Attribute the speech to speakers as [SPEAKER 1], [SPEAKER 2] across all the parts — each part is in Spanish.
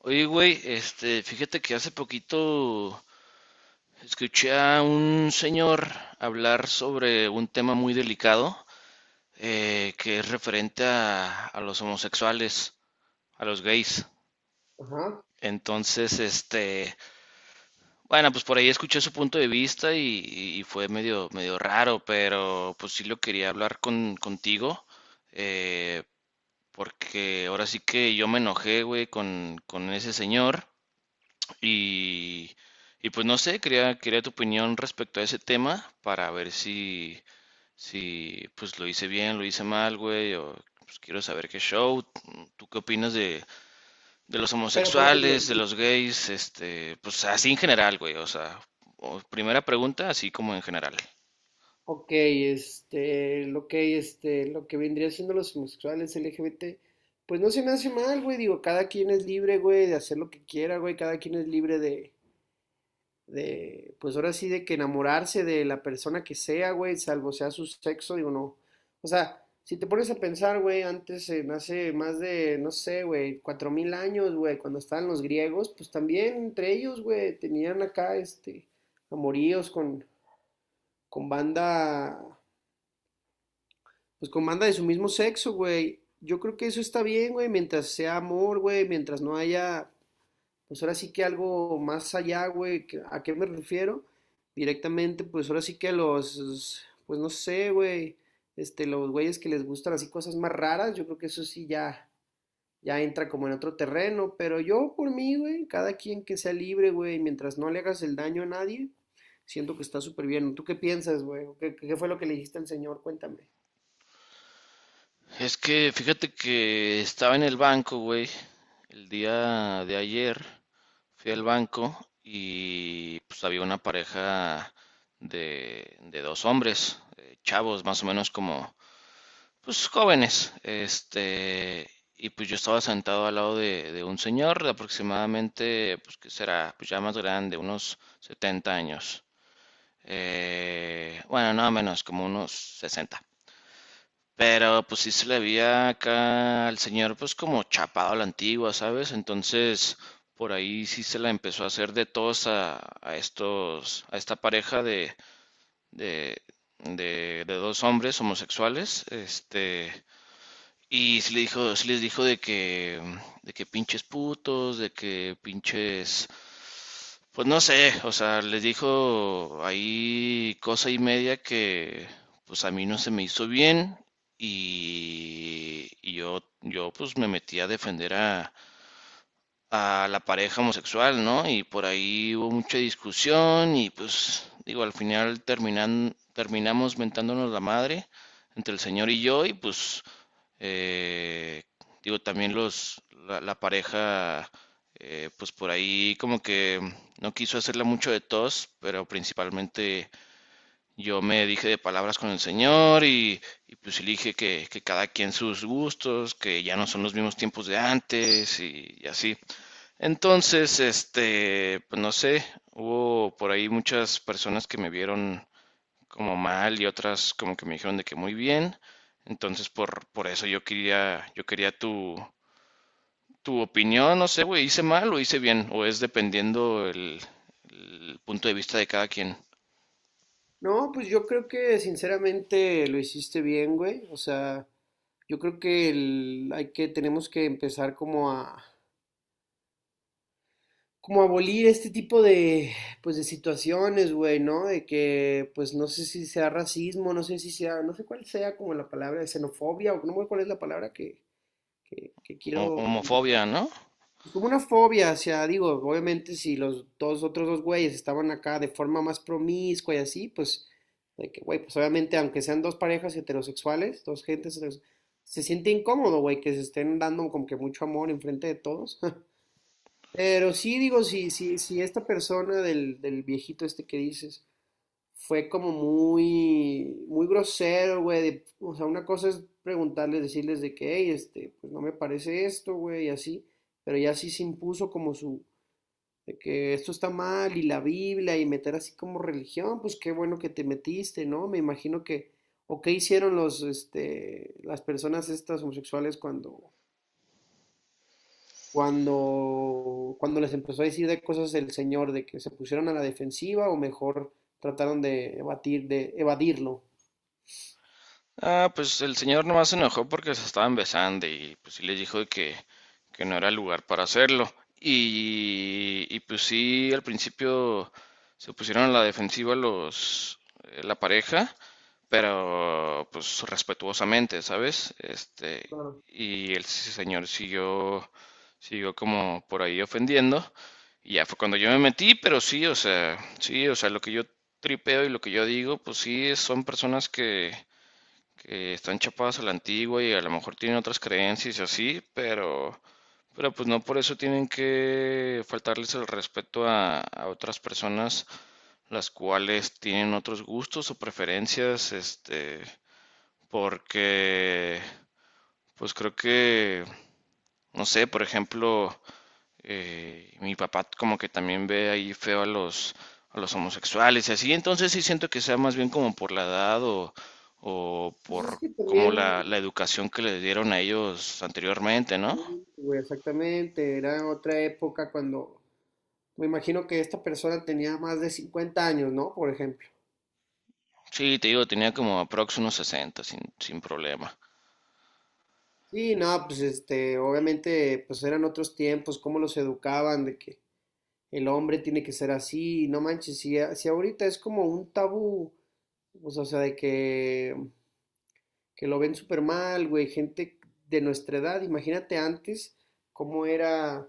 [SPEAKER 1] Oye, güey, este, fíjate que hace poquito escuché a un señor hablar sobre un tema muy delicado, que es referente a los homosexuales, a los gays.
[SPEAKER 2] Ajá.
[SPEAKER 1] Entonces, este, bueno, pues por ahí escuché su punto de vista y fue medio raro, pero pues sí lo quería hablar contigo, eh, porque ahora sí que yo me enojé, güey, con ese señor. Y, y pues no sé, quería tu opinión respecto a ese tema para ver si pues lo hice bien, lo hice mal, güey, o pues quiero saber qué show. ¿Tú qué opinas de los
[SPEAKER 2] Pero por
[SPEAKER 1] homosexuales,
[SPEAKER 2] ejemplo,
[SPEAKER 1] de los gays, este, pues así en general, güey, o sea, primera pregunta, así como en general.
[SPEAKER 2] ok, lo que vendría siendo los homosexuales LGBT, pues no se me hace mal, güey, digo, cada quien es libre, güey, de hacer lo que quiera, güey, cada quien es libre de, pues ahora sí, de que enamorarse de la persona que sea, güey, salvo sea su sexo, digo, no. O sea, si te pones a pensar, güey, antes, hace más de, no sé, güey, 4.000 años, güey, cuando estaban los griegos, pues también entre ellos, güey, tenían acá, amoríos con banda, pues con banda de su mismo sexo, güey. Yo creo que eso está bien, güey, mientras sea amor, güey, mientras no haya, pues ahora sí que algo más allá, güey, ¿a qué me refiero? Directamente, pues ahora sí que los, pues no sé, güey, los güeyes que les gustan así cosas más raras, yo creo que eso sí ya, ya entra como en otro terreno, pero yo por mí, güey, cada quien que sea libre, güey, mientras no le hagas el daño a nadie, siento que está súper bien. ¿Tú qué piensas, güey? ¿Qué fue lo que le dijiste al Señor? Cuéntame.
[SPEAKER 1] Es que fíjate que estaba en el banco, güey, el día de ayer fui al banco y pues había una pareja de dos hombres, chavos, más o menos como, pues jóvenes, este, y pues yo estaba sentado al lado de un señor de aproximadamente, pues que será, pues ya más grande, unos 70 años. Bueno, no menos, como unos 60. Pero pues sí se le veía acá al señor pues como chapado a la antigua, ¿sabes? Entonces por ahí sí se la empezó a hacer de todos a estos, a esta pareja de, de dos hombres homosexuales, este, sí les dijo de que pinches putos, de que pinches pues no sé, o sea, les dijo ahí cosa y media que pues a mí no se me hizo bien y yo pues me metí a defender a la pareja homosexual, ¿no? Y por ahí hubo mucha discusión y pues digo, al final terminamos mentándonos la madre entre el señor y yo y pues eh, digo, también la pareja pues por ahí como que no quiso hacerla mucho de tos, pero principalmente yo me dije de palabras con el señor y pues le dije que cada quien sus gustos, que ya no son los mismos tiempos de antes y así. Entonces, este, pues no sé, hubo por ahí muchas personas que me vieron como mal y otras como que me dijeron de que muy bien. Entonces, por eso yo quería tu opinión, no sé, güey, hice mal o hice bien, o es dependiendo el punto de vista de cada quien.
[SPEAKER 2] No, pues yo creo que sinceramente lo hiciste bien, güey. O sea, yo creo que tenemos que empezar como a abolir este tipo de, pues de situaciones, güey, ¿no? De que, pues no sé si sea racismo, no sé si sea, no sé cuál sea como la palabra, xenofobia, o no sé cuál es la palabra que quiero identificar.
[SPEAKER 1] Homofobia, ¿no?
[SPEAKER 2] Es como una fobia, o sea, digo, obviamente si los dos otros dos güeyes estaban acá de forma más promiscua y así, pues, de que, güey, pues obviamente aunque sean dos parejas heterosexuales, dos gentes heterosexuales, se siente incómodo, güey, que se estén dando como que mucho amor enfrente de todos. Pero sí, digo, si esta persona del viejito este que dices, fue como muy, muy grosero, güey. O sea, una cosa es preguntarles, decirles de que, hey, pues no me parece esto, güey, y así. Pero ya sí se impuso como su, de que esto está mal y la Biblia y meter así como religión, pues qué bueno que te metiste, ¿no? Me imagino que, o qué hicieron los, las personas estas homosexuales cuando, les empezó a decir de cosas el Señor, de que se pusieron a la defensiva o mejor trataron de evadirlo.
[SPEAKER 1] Ah, pues el señor nomás se enojó porque se estaban besando y pues sí les dijo de que no era el lugar para hacerlo. Y pues sí, al principio se pusieron a la defensiva los, la pareja, pero pues respetuosamente, ¿sabes? Este,
[SPEAKER 2] Claro.
[SPEAKER 1] y el señor siguió como por ahí ofendiendo. Y ya fue cuando yo me metí, pero sí, o sea, lo que yo tripeo y lo que yo digo, pues sí, son personas que están chapadas a la antigua y a lo mejor tienen otras creencias y así, pero pues no por eso tienen que faltarles el respeto a otras personas las cuales tienen otros gustos o preferencias, este, porque pues creo que no sé, por ejemplo, mi papá como que también ve ahí feo a los homosexuales y así, entonces sí siento que sea más bien como por la edad o
[SPEAKER 2] Pues es
[SPEAKER 1] por
[SPEAKER 2] que
[SPEAKER 1] como
[SPEAKER 2] también,
[SPEAKER 1] la educación que le dieron a ellos anteriormente, ¿no?
[SPEAKER 2] sí, güey, exactamente, era otra época cuando me imagino que esta persona tenía más de 50 años, ¿no? Por ejemplo.
[SPEAKER 1] Sí, te digo, tenía como aprox unos 60 sin problema.
[SPEAKER 2] Sí, no, pues obviamente, pues eran otros tiempos, cómo los educaban, de que el hombre tiene que ser así, no manches, si ahorita es como un tabú, pues, o sea, de que lo ven súper mal, güey, gente de nuestra edad, imagínate antes cómo era,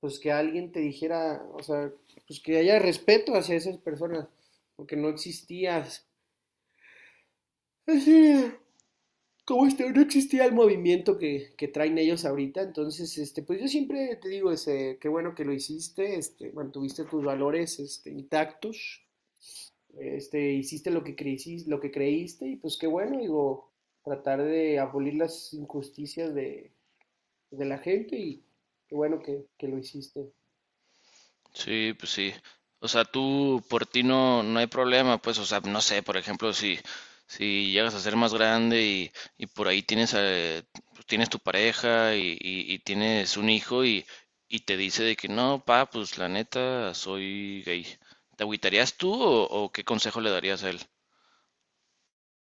[SPEAKER 2] pues que alguien te dijera, o sea, pues que haya respeto hacia esas personas, porque no existía, así, como no existía el movimiento que traen ellos ahorita, entonces, pues yo siempre te digo, ese, qué bueno que lo hiciste, mantuviste tus valores, intactos, hiciste lo que creíste, y pues qué bueno, digo, tratar de abolir las injusticias de la gente y qué bueno que lo hiciste.
[SPEAKER 1] Sí, pues sí. O sea, tú por ti no, no hay problema, pues, o sea, no sé, por ejemplo, si, si llegas a ser más grande y por ahí tienes, pues, tienes tu pareja y tienes un hijo y te dice de que no, pa, pues la neta, soy gay. ¿Te agüitarías tú o qué consejo le darías a él?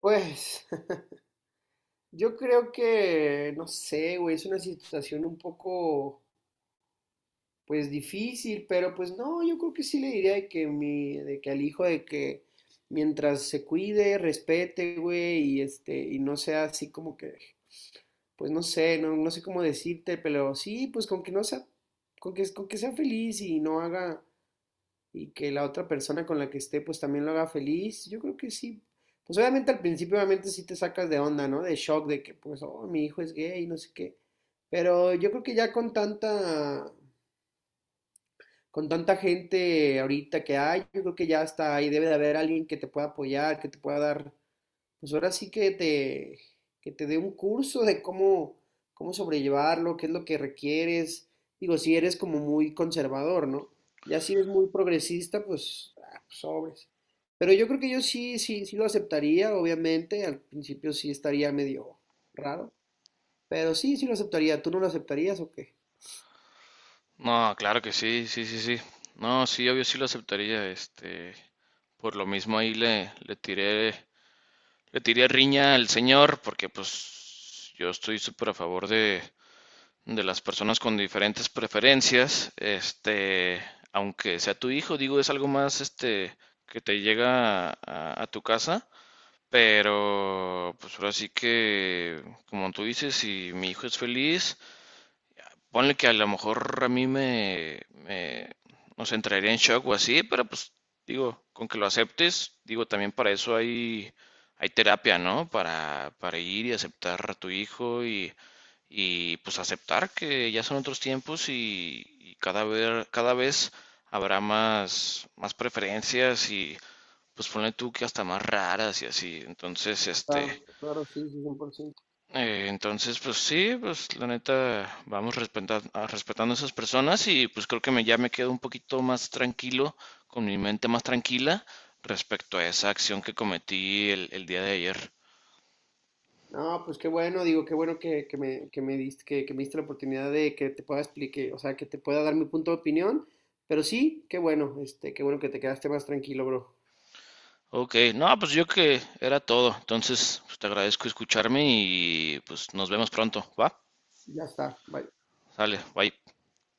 [SPEAKER 2] Pues yo creo que, no sé, güey, es una situación un poco, pues difícil, pero pues no, yo creo que sí le diría de que al hijo de que mientras se cuide, respete, güey, y y no sea así como que, pues no sé, no, no sé cómo decirte, pero sí, pues con que no sea, con que sea feliz y no haga y que la otra persona con la que esté pues también lo haga feliz, yo creo que sí. Pues obviamente al principio obviamente sí te sacas de onda, ¿no? De shock de que pues, oh, mi hijo es gay, no sé qué. Pero yo creo que ya con tanta gente ahorita que hay, yo creo que ya hasta ahí debe de haber alguien que te pueda apoyar, que te pueda dar pues ahora sí que te dé un curso de cómo sobrellevarlo, qué es lo que requieres. Digo, si eres como muy conservador, ¿no? Ya si eres muy progresista, pues, ah, pues, sobres. Pero yo creo que yo sí, sí, sí lo aceptaría, obviamente. Al principio sí estaría medio raro, pero sí, sí lo aceptaría. ¿Tú no lo aceptarías o qué?
[SPEAKER 1] No, claro que sí, sí, sí, sí. No, sí, obvio sí lo aceptaría, este, por lo mismo ahí le tiré. Le tiré riña al señor porque pues yo estoy súper a favor de las personas con diferentes preferencias. Este, aunque sea tu hijo, digo, es algo más este que te llega a tu casa. Pero pues ahora sí que, como tú dices, si mi hijo es feliz, ponle que a lo mejor a mí no entraría en shock o así, pero pues digo, con que lo aceptes, digo, también para eso hay terapia, ¿no? Para ir y aceptar a tu hijo y pues aceptar que ya son otros tiempos y cada vez habrá más, más preferencias y pues ponle tú que hasta más raras y así. Entonces, este,
[SPEAKER 2] Claro, claro, sí, sí, 100%.
[SPEAKER 1] entonces, pues sí, pues la neta, vamos respetando a esas personas y pues creo que me, ya me quedo un poquito más tranquilo, con mi mente más tranquila respecto a esa acción que cometí el día de ayer.
[SPEAKER 2] No, pues qué bueno, digo, qué bueno que me diste la oportunidad de que te pueda explicar, o sea, que te pueda dar mi punto de opinión, pero sí, qué bueno, qué bueno que te quedaste más tranquilo, bro.
[SPEAKER 1] Ok, no, pues yo que era todo. Entonces, pues te agradezco escucharme y pues nos vemos pronto, ¿va?
[SPEAKER 2] Ya está, bye.
[SPEAKER 1] Sale, bye.